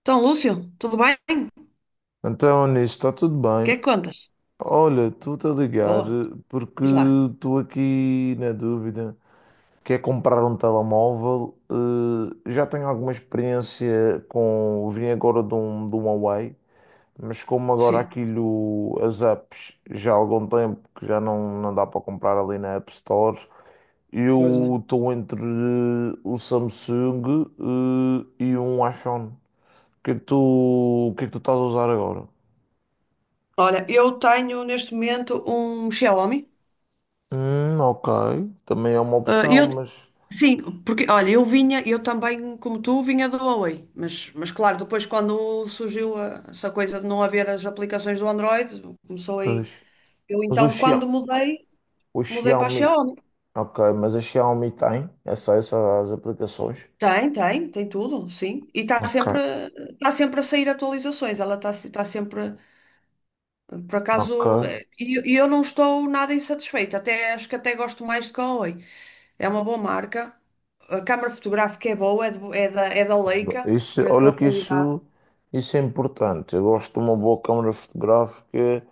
Então, Lúcio, tudo bem? O Então, nisso está tudo que bem. é que contas? Olha, estou-te a ligar Boa, porque diz lá. estou aqui na dúvida. Quer comprar um telemóvel? Já tenho alguma experiência com. Vim agora de um Huawei, mas como agora Sim, aquilo, as apps, já há algum tempo que já não dá para comprar ali na App Store, pois é. eu estou entre o Samsung, e um iPhone. O que é que tu, o que é que tu estás a usar agora? Olha, eu tenho neste momento um Xiaomi. Ok. Também é uma Ah, opção, mas. sim, porque, olha, eu também, como tu, vinha do Huawei. Mas claro, depois quando surgiu essa coisa de não haver as aplicações do Android, começou Pois. aí. Eu Mas o então, quando Xiaomi. mudei, O mudei para a Xiaomi. Xiaomi. Ok, mas a Xiaomi tem essas aplicações. Tem tudo, sim. E Ok. está sempre a sair atualizações. Ela está sempre. Por acaso, Ok. E eu não estou nada insatisfeita, até acho que até gosto mais de Huawei. É uma boa marca, a câmara fotográfica é boa, é, de bo- é da Leica, Isso, é de olha boa que qualidade. isso é importante. Eu gosto de uma boa câmara fotográfica.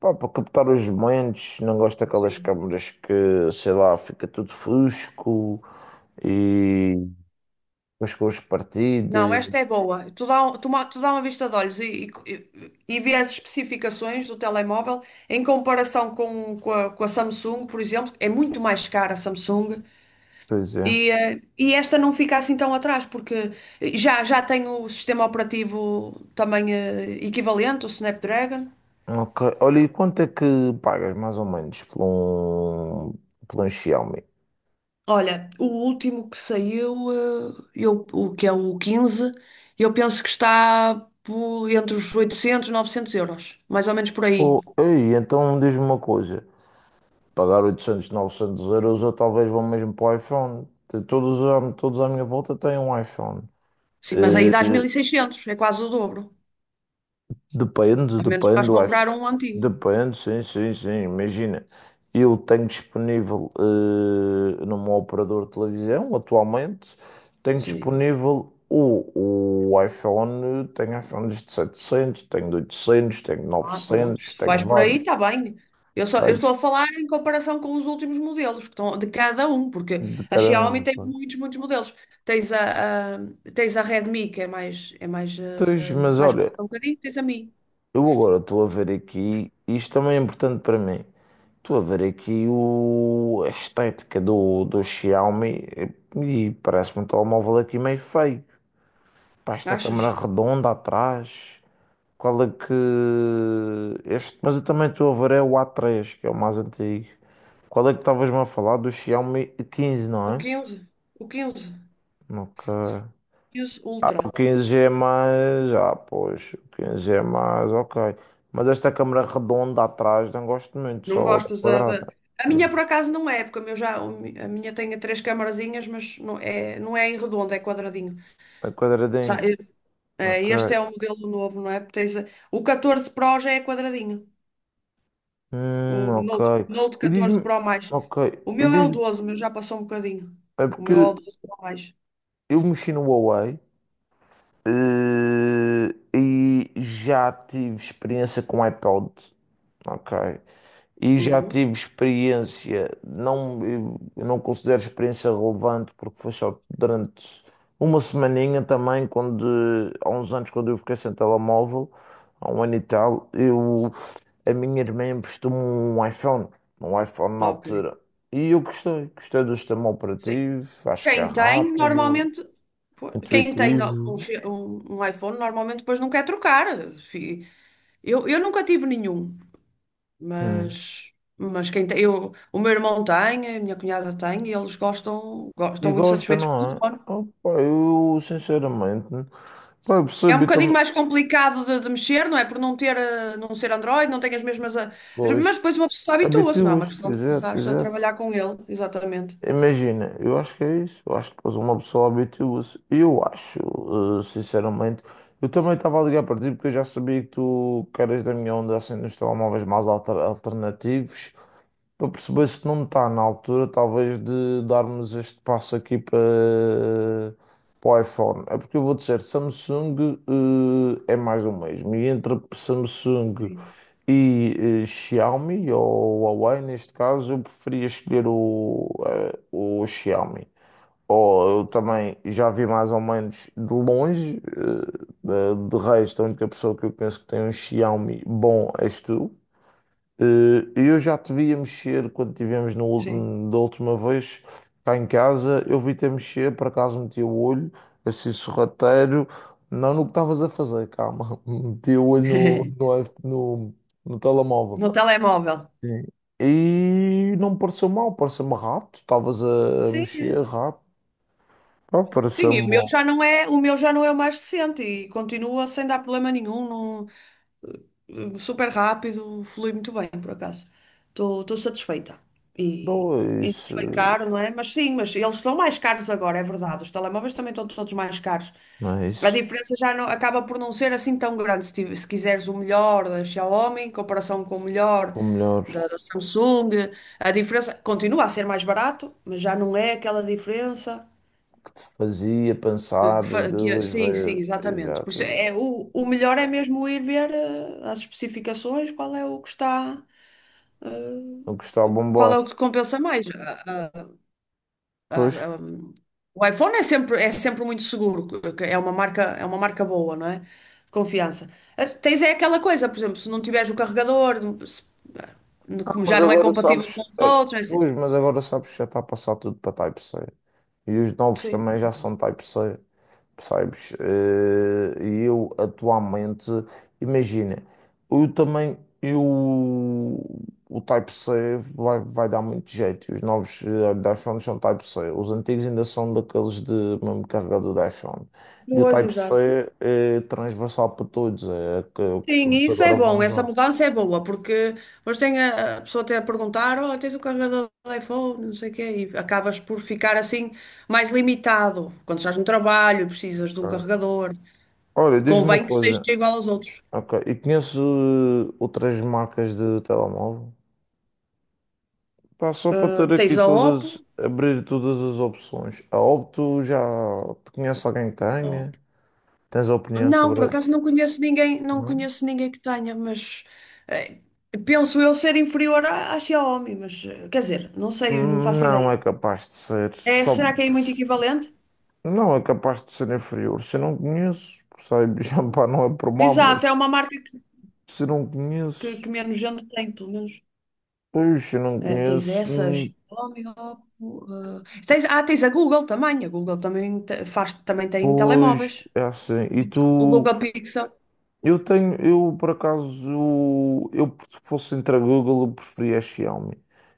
Pá, para captar os momentos, não gosto daquelas Sim. câmaras que, sei lá, fica tudo fusco e as cores Não, esta partidas. é boa. Tu dá, um- tu, ma- tu dá uma vista de olhos e vê as especificações do telemóvel em comparação com a Samsung, por exemplo, é muito mais cara a Samsung. Pois é. E esta não fica assim tão atrás, porque já tem o sistema operativo também equivalente, o Snapdragon. Ok. Olha, e quanto é que pagas mais ou menos por um Xiaomi? Olha, o último que saiu, o que é o 15, eu penso que está entre os 800 e 900 euros, mais ou menos por aí. Pô, ei, então diz-me uma coisa: pagar 800, 900 euros eu talvez vou mesmo para o iPhone. Todos à minha volta têm um iPhone. Sim, mas aí dás mil Eh, e seiscentos é quase o dobro. Depende, A menos que depende vais do comprar iPhone. um antigo. Depende, sim, sim, sim. Imagina, eu tenho disponível no meu operador de televisão, atualmente, tenho Sim. disponível o iPhone, tenho iPhones de 700, tenho de 800, tenho de Ah, pronto. 900, Se tenho vais por aí, vários, está bem. Eu estou sabes? a falar em comparação com os últimos modelos, que estão de cada um, porque De a cada Xiaomi um. tem Claro. muitos, muitos modelos. Tens a, a- tens a Redmi, que é mais, Pois, mas mais olha, barata um bocadinho, tens a Mi, eu agora estou a ver aqui, isto também é importante para mim. Estou a ver aqui a estética do Xiaomi e parece-me um telemóvel aqui meio feio. Pá, esta câmara achas? redonda atrás. Qual é que. Mas eu também estou a ver é o A3, que é o mais antigo. Qual é que estavas-me a falar do Xiaomi 15, não O é? 15 o 15, Ok. 15 O Ultra. 15G é mais. Ah, pois. O 15G é mais, ok. Mas esta câmara redonda atrás não gosto muito, Não só da gostas da, quadrada. da- A minha, por Não. acaso, não é, porque a minha tem três camarazinhas, mas não é em redondo, é quadradinho. A Sa- quadradinho. eh, Ok. Este é o modelo novo, não é? O 14 Pro já é quadradinho. O Ok. Note E 14 diz-me. Pro mais. Ok. O E meu é o diz 12, o meu já passou um bocadinho. É O porque meu é o 12 Pro mais. eu mexi no Huawei e já tive experiência com iPod. Ok. E já Uhum. tive experiência, não, eu não considero experiência relevante porque foi só durante uma semaninha também, quando, há uns anos quando eu fiquei sem telemóvel, há um ano e tal, eu, a minha irmã emprestou-me um iPhone na Ok. altura, e eu gostei do sistema Sim. operativo, acho que é Quem tem, rápido, normalmente, pô, quem tem no- um, intuitivo, che- um- um iPhone, normalmente depois não quer trocar. Fi- eu nunca tive nenhum, hum. mas, quem tem, eu, o meu irmão tem, a minha cunhada tem, e eles E gostam muito gosta, satisfeitos com o não é? telefone. Opa, eu sinceramente, pá, eu É um percebi bocadinho também. mais complicado de mexer, não é? Por não ter, não ser Android, não tem as mesmas. Mas Pois, depois uma pessoa habitua-se, não é uma habitua-se, questão de começar exato, a exato. trabalhar com ele, exatamente. Imagina, eu acho que é isso. Eu acho que depois uma pessoa habitua-se. Eu acho, sinceramente, eu também estava a ligar para ti porque eu já sabia que tu que eras da minha onda assim dos telemóveis mais alternativos para perceber se não está na altura, talvez, de darmos este passo aqui para o iPhone. É porque eu vou dizer, Samsung, é mais do mesmo. E entre Samsung Sim. e Xiaomi, ou Huawei, neste caso, eu preferia escolher o Xiaomi. Ou eu também já vi mais ou menos de longe, de resto, a única pessoa que eu penso que tem um Xiaomi bom és tu. Eu já te via mexer quando tivemos no, Sim. ul- da última vez cá em casa. Eu vi-te a mexer, por acaso meti o olho, assim sorrateiro. Não no que estavas a fazer, calma. Meti o olho no, no, iPh- no, no telemóvel. No telemóvel. Sim. E não me pareceu mal, pareceu-me rápido. Estavas a Sim. mexer É. rápido. Pá, Sim, e pareceu-me bom. O meu já não é o mais recente e continua sem dar problema nenhum, super rápido, flui muito bem, por acaso. Estou satisfeita. E, Não é e não isso. foi caro, não é? Mas sim, mas eles estão mais caros agora, é verdade. Os telemóveis também estão todos mais caros. Não é A isso. diferença já não, acaba por não ser assim tão grande. Se quiseres o melhor da Xiaomi em comparação com o melhor O melhor da Samsung, a diferença continua a ser mais barato, mas já não é aquela diferença que te fazia pensar duas sim, sim, vezes. exatamente. Por Exato, isso exato. é, o melhor é mesmo ir ver as especificações, Não gostava de qual é o bombar. que te compensa mais. ah, Pois, ah, o iPhone é sempre muito seguro, que é uma marca boa, não é? De confiança. Ah, tens é aquela coisa, por exemplo, se não tiveres o carregador, se- ah, como mas já não é agora compatível com sabes, os eh, outros, não é assim. pois, mas agora sabes que já está a passar tudo para Type-C. E os novos Sim. também já são Type-C, percebes? E eu atualmente, imagina, eu também, eu, o Type-C vai dar muito jeito. Os novos da iPhone são Type-C. Os antigos ainda são daqueles de mesmo carregador da iPhone. E o Pois, exato. Type-C é transversal para todos, é que Sim, todos isso é agora vão bom, essa usar. mudança é boa, porque mas tem a pessoa até a perguntar, oh, tens o carregador do iPhone, não sei o quê, e acabas por ficar assim mais limitado. Quando estás no trabalho, e precisas de um Ok. carregador, Olha, diz-me uma convém que seja coisa. igual aos outros. Ok. E conheço outras marcas de telemóvel? Pá, só para Ah, ter aqui tens a todas, Oppo. abrir todas as opções. A Opto já te conhece alguém que Não. tenha? Tens opinião sobre. Por acaso não Não? conheço ninguém que tenha, mas eh, penso eu ser inferior à Xiaomi, mas quer dizer, não sei, não faço Não ideia. é capaz de ser. É, Só. será que é muito equivalente? Não é capaz de ser inferior. Se eu não conheço, percebes? Pá, não é por mal, Exato, é mas uma marca se não conheço, que menos gente tem, pelo menos. pois se não Tens conheço, essa, hum, Xiaomi, Oppo, tens a Google também faz, também tem pois telemóveis, é assim. E o tu. Google Pixel. Eu tenho, eu por acaso, eu se fosse entre a Google, eu preferia a Xiaomi.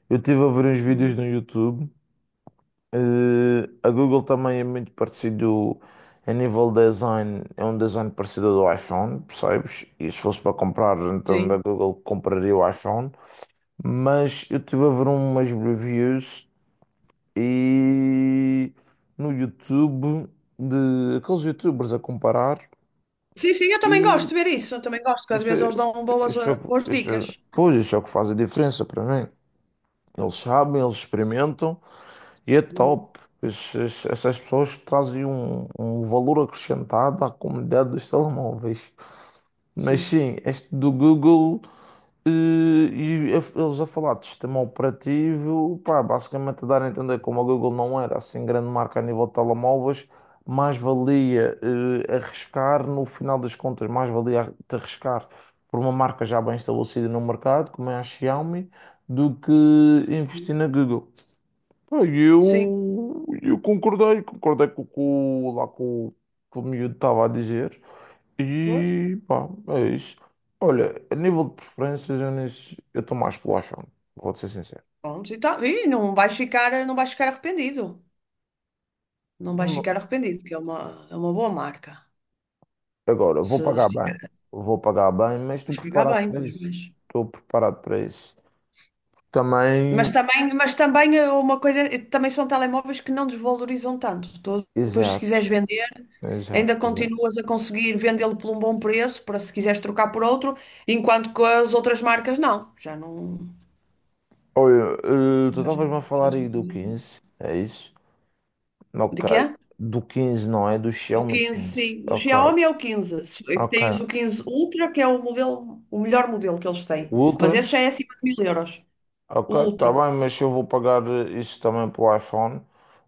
Eu estive a ver uns vídeos Uhum. no YouTube. A Google também é muito parecido a nível design, é um design parecido ao do iPhone, percebes? E se fosse para comprar, então da Sim. Google compraria o iPhone. Mas eu estive a ver umas reviews e no YouTube de aqueles YouTubers a comparar. Sim, sim, eu também gosto E de ver isso, eu também gosto, que às Isso vezes é, eles dão isso é, o boas que- isso é- dicas. pois, isso é o que faz a diferença para mim. Eles sabem, eles experimentam e é Uhum. top. Essas pessoas trazem um valor acrescentado à comunidade dos telemóveis. Mas Sim. sim, este do Google. E eles a falar de sistema operativo, pá, basicamente a dar a entender como a Google não era assim grande marca a nível de telemóveis, mais valia arriscar, no final das contas, mais valia te arriscar por uma marca já bem estabelecida no mercado, como é a Xiaomi, do que investir na Google. Pá, e Sim, eu concordei com o que o miúdo estava a dizer. pois. E pá, é isso. Olha, a nível de preferências, eu nem se- eu estou mais pelo iPhone, vou-te ser sincero. Pronto, e, tá, e não vais ficar arrependido. Não vais Mo- ficar arrependido, que é uma, boa marca. Agora, vou Se pagar bem, ficar, mas estou vais pagar preparado bem, para pois isso. vais. Estou preparado para isso. Mas Também, também, é uma coisa, também são telemóveis que não desvalorizam tanto. Tu, depois, se exato, quiseres vender, exato, ainda exato. continuas a conseguir vendê-lo por um bom preço, para se quiseres trocar por outro, enquanto que as outras marcas não. Já não. Olha, tu Já, já, estavas-me a já falar aí do desvalorizam. 15, é isso? De Ok, quê? do 15 não é, do Do Xiaomi 15, sim. 15. Do Ok, Xiaomi é o 15. Ok. Tens o 15 Ultra, que é o modelo, o melhor modelo que eles têm. O Mas Ultra? esse já é acima de 1000 euros. O Ok, tá Ultra. bem, mas eu vou pagar isso também pelo iPhone.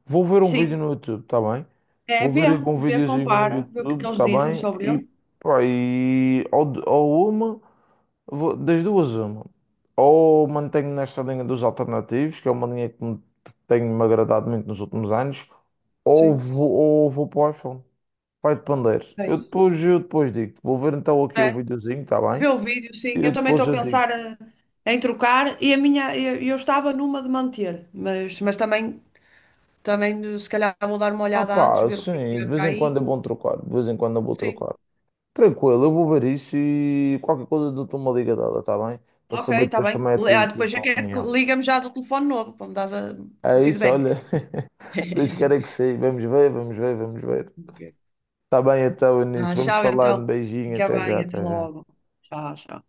Vou ver um vídeo Sim. no YouTube, tá bem? É, Vou ver algum vê, videozinho no compara, vê o que é que YouTube, eles tá dizem bem? sobre E, ele. pá, e ou, de- ou uma, vou- das duas uma. Ou mantenho nesta linha dos alternativos, que é uma linha tenho me agradado muito nos últimos anos, ou Sim. vou para o iPhone. Vai depender. É isso. Eu depois digo-te. Vou ver então aqui o É. videozinho, tá Vê bem? o vídeo, E sim. eu Eu também depois estou a eu digo. pensar em trocar e a minha, eu estava numa de manter, mas, também se calhar vou dar uma Ah olhada antes, pá, ver o sim, que de é vez para em quando é aí. bom trocar, de vez em quando é bom Sim. trocar. Tranquilo, eu vou ver isso e qualquer coisa dou-te uma liga dela, está bem? Para Ok, saber está depois bem. também a Ah, ti e a depois já tua quer que opinião. liga-me já do telefone novo para me dar o É isso, olha, feedback. Deus queira que sim. Vamos ver, vamos ver, vamos ver. Ok. Está bem então, Ah, Início, vamos tchau, falando. então. Beijinho, Fica até já, bem, até até já. logo. Tchau, tchau.